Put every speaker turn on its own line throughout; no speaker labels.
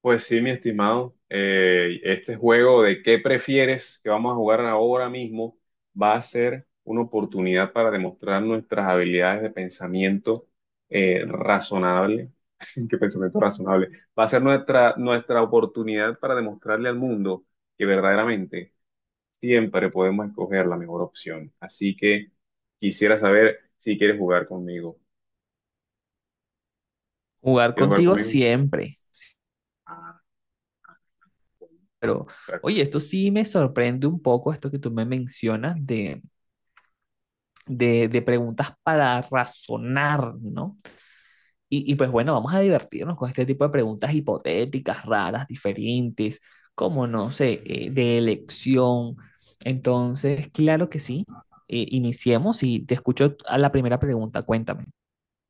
Pues sí, mi estimado, este juego de qué prefieres que vamos a jugar ahora mismo va a ser una oportunidad para demostrar nuestras habilidades de pensamiento razonable. ¿Qué pensamiento razonable? Va a ser nuestra oportunidad para demostrarle al mundo que verdaderamente siempre podemos escoger la mejor opción. Así que quisiera saber si quieres jugar conmigo.
Jugar
¿Quieres jugar
contigo
conmigo?
siempre, sí, pero oye, esto
Perfecto.
sí me sorprende un poco, esto que tú me mencionas de preguntas para razonar, ¿no? Y pues bueno, vamos a divertirnos con este tipo de preguntas hipotéticas, raras, diferentes, como no sé, de elección. Entonces, claro que sí, iniciemos y te escucho a la primera pregunta, cuéntame.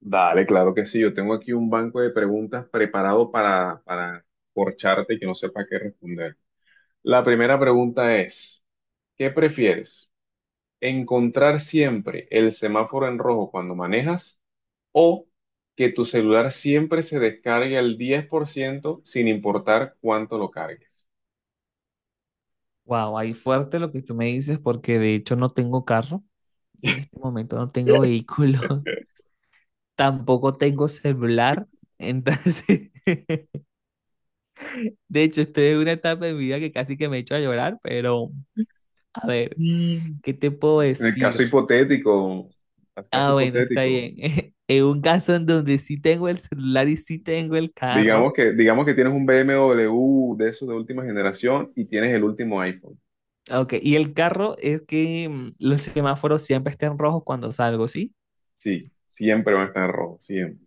Dale, claro que sí. Yo tengo aquí un banco de preguntas preparado para corcharte y que no sepa qué responder. La primera pregunta es, ¿qué prefieres? ¿Encontrar siempre el semáforo en rojo cuando manejas o que tu celular siempre se descargue al 10% sin importar cuánto lo cargues?
Wow, ahí fuerte lo que tú me dices, porque de hecho no tengo carro, en este momento no tengo vehículo. Tampoco tengo celular, entonces, de hecho, estoy en una etapa de mi vida que casi que me he hecho a llorar, pero a ver, ¿qué te puedo
En
decir?
el caso
Ah, bueno, está
hipotético,
bien. En un caso en donde sí tengo el celular y sí tengo el
digamos
carro.
que, digamos que tienes un BMW de esos de última generación y tienes el último iPhone.
Ok, y el carro es que los semáforos siempre estén rojos cuando salgo, ¿sí?
Sí, siempre van a estar en rojo, siempre.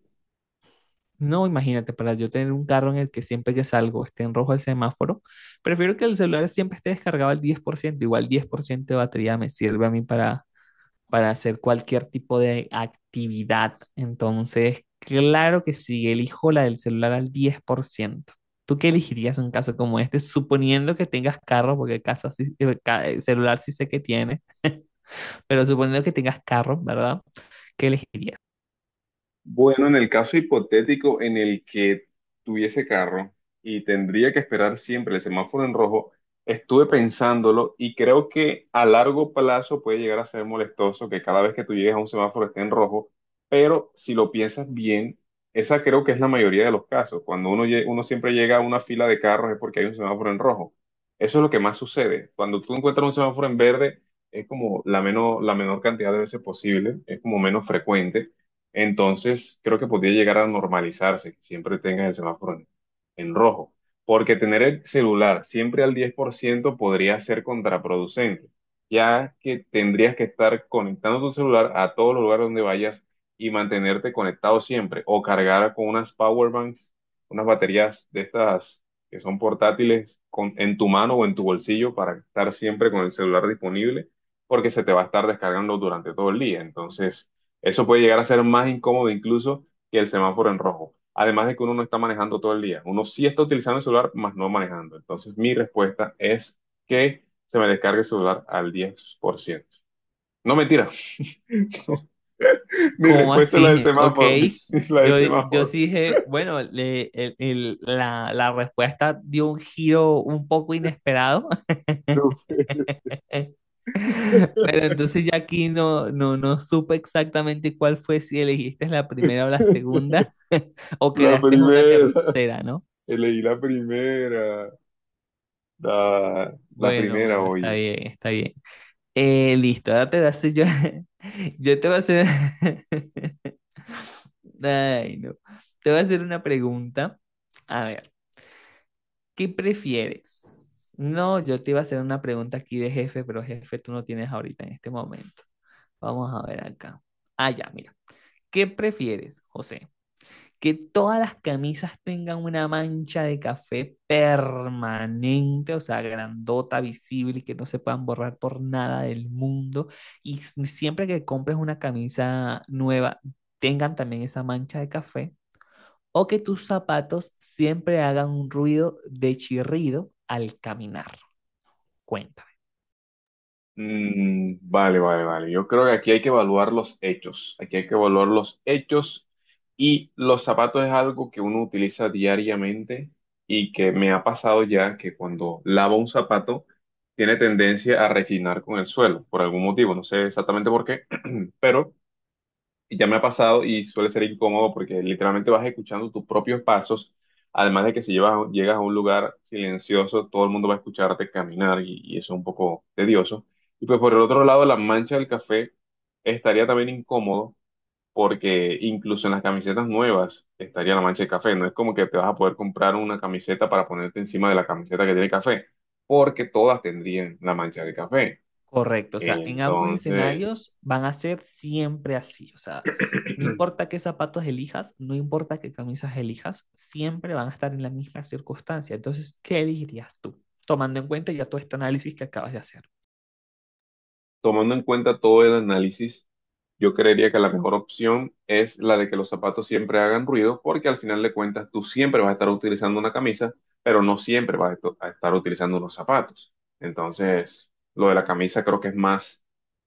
No, imagínate, para yo tener un carro en el que siempre que salgo esté en rojo el semáforo, prefiero que el celular siempre esté descargado al 10%, igual 10% de batería me sirve a mí para hacer cualquier tipo de actividad. Entonces, claro que sí, elijo la del celular al 10%. ¿Tú qué elegirías en un caso como este? Suponiendo que tengas carro, porque casa sí- ca- celular sí sé que tienes, pero suponiendo que tengas carro, ¿verdad? ¿Qué elegirías?
Bueno, en el caso hipotético en el que tuviese carro y tendría que esperar siempre el semáforo en rojo, estuve pensándolo y creo que a largo plazo puede llegar a ser molestoso que cada vez que tú llegues a un semáforo esté en rojo, pero si lo piensas bien, esa creo que es la mayoría de los casos. Cuando uno siempre llega a una fila de carros es porque hay un semáforo en rojo. Eso es lo que más sucede. Cuando tú encuentras un semáforo en verde, es como la menor cantidad de veces posible, es como menos frecuente, entonces creo que podría llegar a normalizarse, que siempre tengas el semáforo en rojo, porque tener el celular siempre al 10% podría ser contraproducente, ya que tendrías que estar conectando tu celular a todos los lugares donde vayas y mantenerte conectado siempre, o cargar con unas power banks, unas baterías de estas que son portátiles en tu mano o en tu bolsillo para estar siempre con el celular disponible, porque se te va a estar descargando durante todo el día, entonces eso puede llegar a ser más incómodo incluso que el semáforo en rojo. Además de que uno no está manejando todo el día. Uno sí está utilizando el celular, más no manejando. Entonces, mi respuesta es que se me descargue el celular al 10%. No, mentira. Mi
¿Cómo
respuesta es la del
así? Ok.
semáforo. La del
Yo
semáforo.
sí dije, bueno, le- el- la respuesta dio un giro un poco inesperado.
No, sé.
Pero entonces ya aquí no supe exactamente cuál fue, si elegiste la primera o la segunda, o
La
creaste una
primera.
tercera, ¿no?
Elegí la primera. La
Bueno,
primera,
bueno, está
oye.
bien, está bien. Listo, ahora te voy a hacer yo, yo te voy a hacer, ay, no, te voy a hacer una pregunta. A ver, ¿qué prefieres? No, yo te iba a hacer una pregunta aquí de jefe, pero jefe tú no tienes ahorita en este momento. Vamos a ver acá. Ah, ya, mira. ¿Qué prefieres, José? Que todas las camisas tengan una mancha de café permanente, o sea, grandota, visible y que no se puedan borrar por nada del mundo. Y s- siempre que compres una camisa nueva, tengan también esa mancha de café. O que tus zapatos siempre hagan un ruido de chirrido al caminar. Cuenta.
Mm, vale, vale, vale. Yo creo que aquí hay que evaluar los hechos. Aquí hay que evaluar los hechos y los zapatos es algo que uno utiliza diariamente y que me ha pasado ya que cuando lavo un zapato tiene tendencia a rechinar con el suelo por algún motivo. No sé exactamente por qué, pero ya me ha pasado y suele ser incómodo porque literalmente vas escuchando tus propios pasos, además de que si llegas a un lugar silencioso, todo el mundo va a escucharte caminar y eso es un poco tedioso. Y pues por el otro lado, la mancha del café estaría también incómodo porque incluso en las camisetas nuevas estaría la mancha de café. No es como que te vas a poder comprar una camiseta para ponerte encima de la camiseta que tiene café, porque todas tendrían la mancha de café.
Correcto, o sea, en ambos
Entonces...
escenarios van a ser siempre así, o sea, no importa qué zapatos elijas, no importa qué camisas elijas, siempre van a estar en la misma circunstancia. Entonces, ¿qué elegirías tú? Tomando en cuenta ya todo este análisis que acabas de hacer.
Tomando en cuenta todo el análisis, yo creería que la mejor opción es la de que los zapatos siempre hagan ruido, porque al final de cuentas tú siempre vas a estar utilizando una camisa, pero no siempre vas a a estar utilizando unos zapatos. Entonces, lo de la camisa creo que es más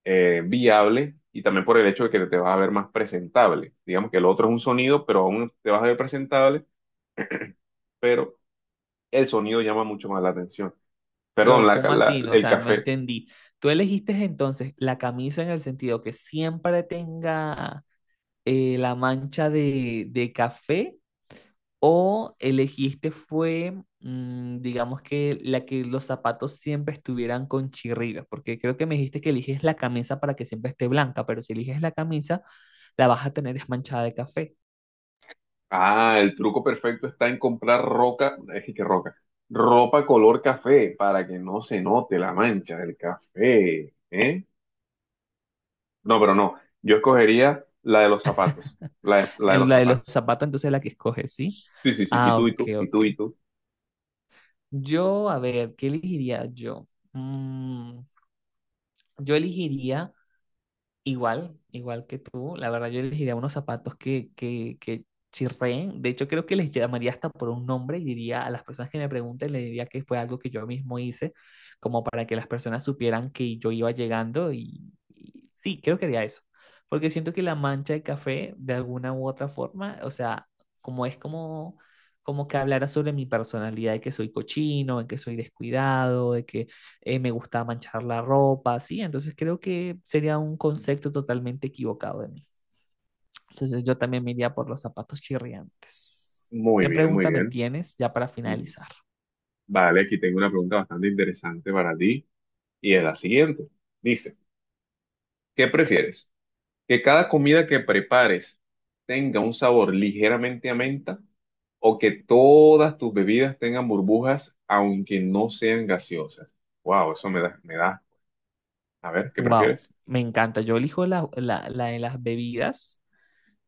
viable y también por el hecho de que te vas a ver más presentable. Digamos que el otro es un sonido, pero aún te vas a ver presentable, pero el sonido llama mucho más la atención. Perdón,
Pero, ¿cómo así? No, o
el
sea, no
café.
entendí. ¿Tú elegiste entonces la camisa en el sentido que siempre tenga la mancha de café? ¿O elegiste fue, digamos que la que los zapatos siempre estuvieran con chirridos? Porque creo que me dijiste que eliges la camisa para que siempre esté blanca, pero si eliges la camisa, la vas a tener es manchada de café.
Ah, el truco perfecto está en comprar roca, es que roca, ropa color café para que no se note la mancha del café, ¿eh? No, pero no, yo escogería la de los zapatos, la de
En
los
la de los
zapatos.
zapatos, entonces la que escoges, ¿sí?
Sí, sí, sí, y
Ah,
tú, y
ok,
tú, y
ok.
tú, y tú.
Yo, a ver, ¿qué elegiría yo? Mm, yo elegiría. Igual, igual que tú, la verdad yo elegiría unos zapatos que chirreen. De hecho, creo que les llamaría hasta por un nombre y diría a las personas que me pregunten, le diría que fue algo que yo mismo hice, como para que las personas supieran que yo iba llegando y sí, creo que haría eso. Porque siento que la mancha de café, de alguna u otra forma, o sea, como es como, como que hablara sobre mi personalidad, de que soy cochino, de que soy descuidado, de que me gustaba manchar la ropa, ¿sí? Entonces creo que sería un concepto totalmente equivocado de mí. Entonces yo también me iría por los zapatos chirriantes.
Muy
¿Qué
bien, muy
pregunta me
bien.
tienes ya para
Mm,
finalizar?
vale, aquí tengo una pregunta bastante interesante para ti y es la siguiente. Dice, ¿qué prefieres? Que cada comida que prepares tenga un sabor ligeramente a menta o que todas tus bebidas tengan burbujas aunque no sean gaseosas. Wow, eso me da. A ver, ¿qué
Wow,
prefieres?
me encanta. Yo elijo la de las bebidas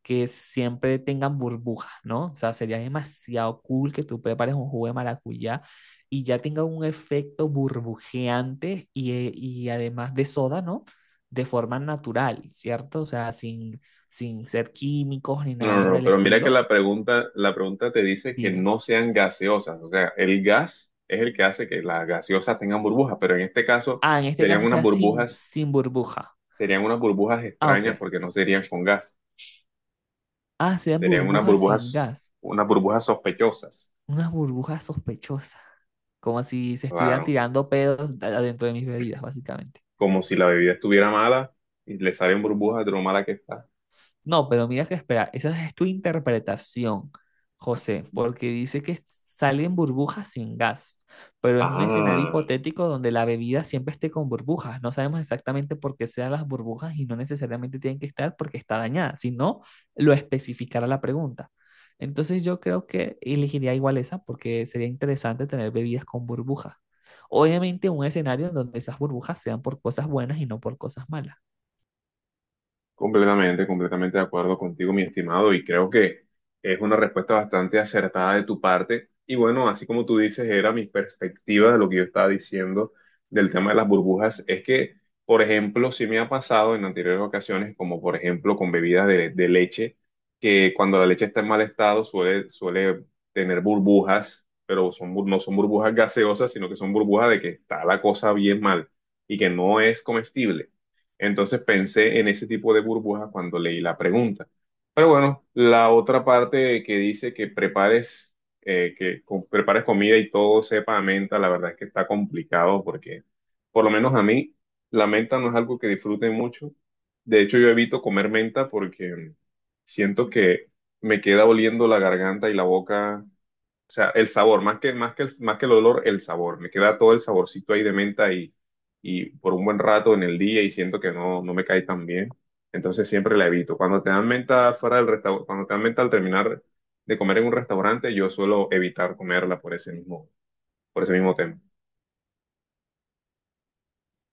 que siempre tengan burbujas, ¿no? O sea, sería demasiado cool que tú prepares un jugo de maracuyá y ya tenga un efecto burbujeante y además de soda, ¿no? De forma natural, ¿cierto? O sea, sin ser químicos ni
No,
nada
no, no,
por
no,
el
pero mira que
estilo.
la pregunta te dice que
Dime.
no sean gaseosas. O sea, el gas es el que hace que las gaseosas tengan burbujas, pero en este caso
Ah, en este
serían
caso
unas
sea
burbujas,
sin burbuja.
serían unas burbujas
Ah, ok.
extrañas porque no serían con gas,
Ah, sean
serían unas
burbujas sin
burbujas,
gas.
unas burbujas sospechosas.
Unas burbujas sospechosas. Como si se estuvieran
Claro.
tirando pedos adentro de mis bebidas, básicamente.
Como si la bebida estuviera mala y le salen burbujas de lo mala que está.
No, pero mira que espera, esa es tu interpretación, José, porque dice que salen burbujas sin gas, pero es un escenario
Ah,
hipotético donde la bebida siempre esté con burbujas. No sabemos exactamente por qué sean las burbujas y no necesariamente tienen que estar porque está dañada, sino lo especificará la pregunta. Entonces yo creo que elegiría igual esa porque sería interesante tener bebidas con burbujas. Obviamente un escenario en donde esas burbujas sean por cosas buenas y no por cosas malas.
completamente, completamente de acuerdo contigo, mi estimado, y creo que es una respuesta bastante acertada de tu parte. Y bueno, así como tú dices, era mi perspectiva de lo que yo estaba diciendo del tema de las burbujas, es que, por ejemplo, sí me ha pasado en anteriores ocasiones, como por ejemplo con bebidas de leche, que cuando la leche está en mal estado suele tener burbujas, pero son, no son burbujas gaseosas, sino que son burbujas de que está la cosa bien mal y que no es comestible. Entonces pensé en ese tipo de burbuja cuando leí la pregunta. Pero bueno, la otra parte que dice que prepares, prepares comida y todo sepa a menta, la verdad es que está complicado porque, por lo menos a mí, la menta no es algo que disfrute mucho. De hecho, yo evito comer menta porque siento que me queda oliendo la garganta y la boca, o sea, el sabor, más que el olor, el sabor. Me queda todo el saborcito ahí de menta y por un buen rato en el día y siento que no, no me cae tan bien. Entonces siempre la evito. Cuando te dan menta fuera del restaurante, cuando te dan menta al terminar de comer en un restaurante, yo suelo evitar comerla por ese mismo tema.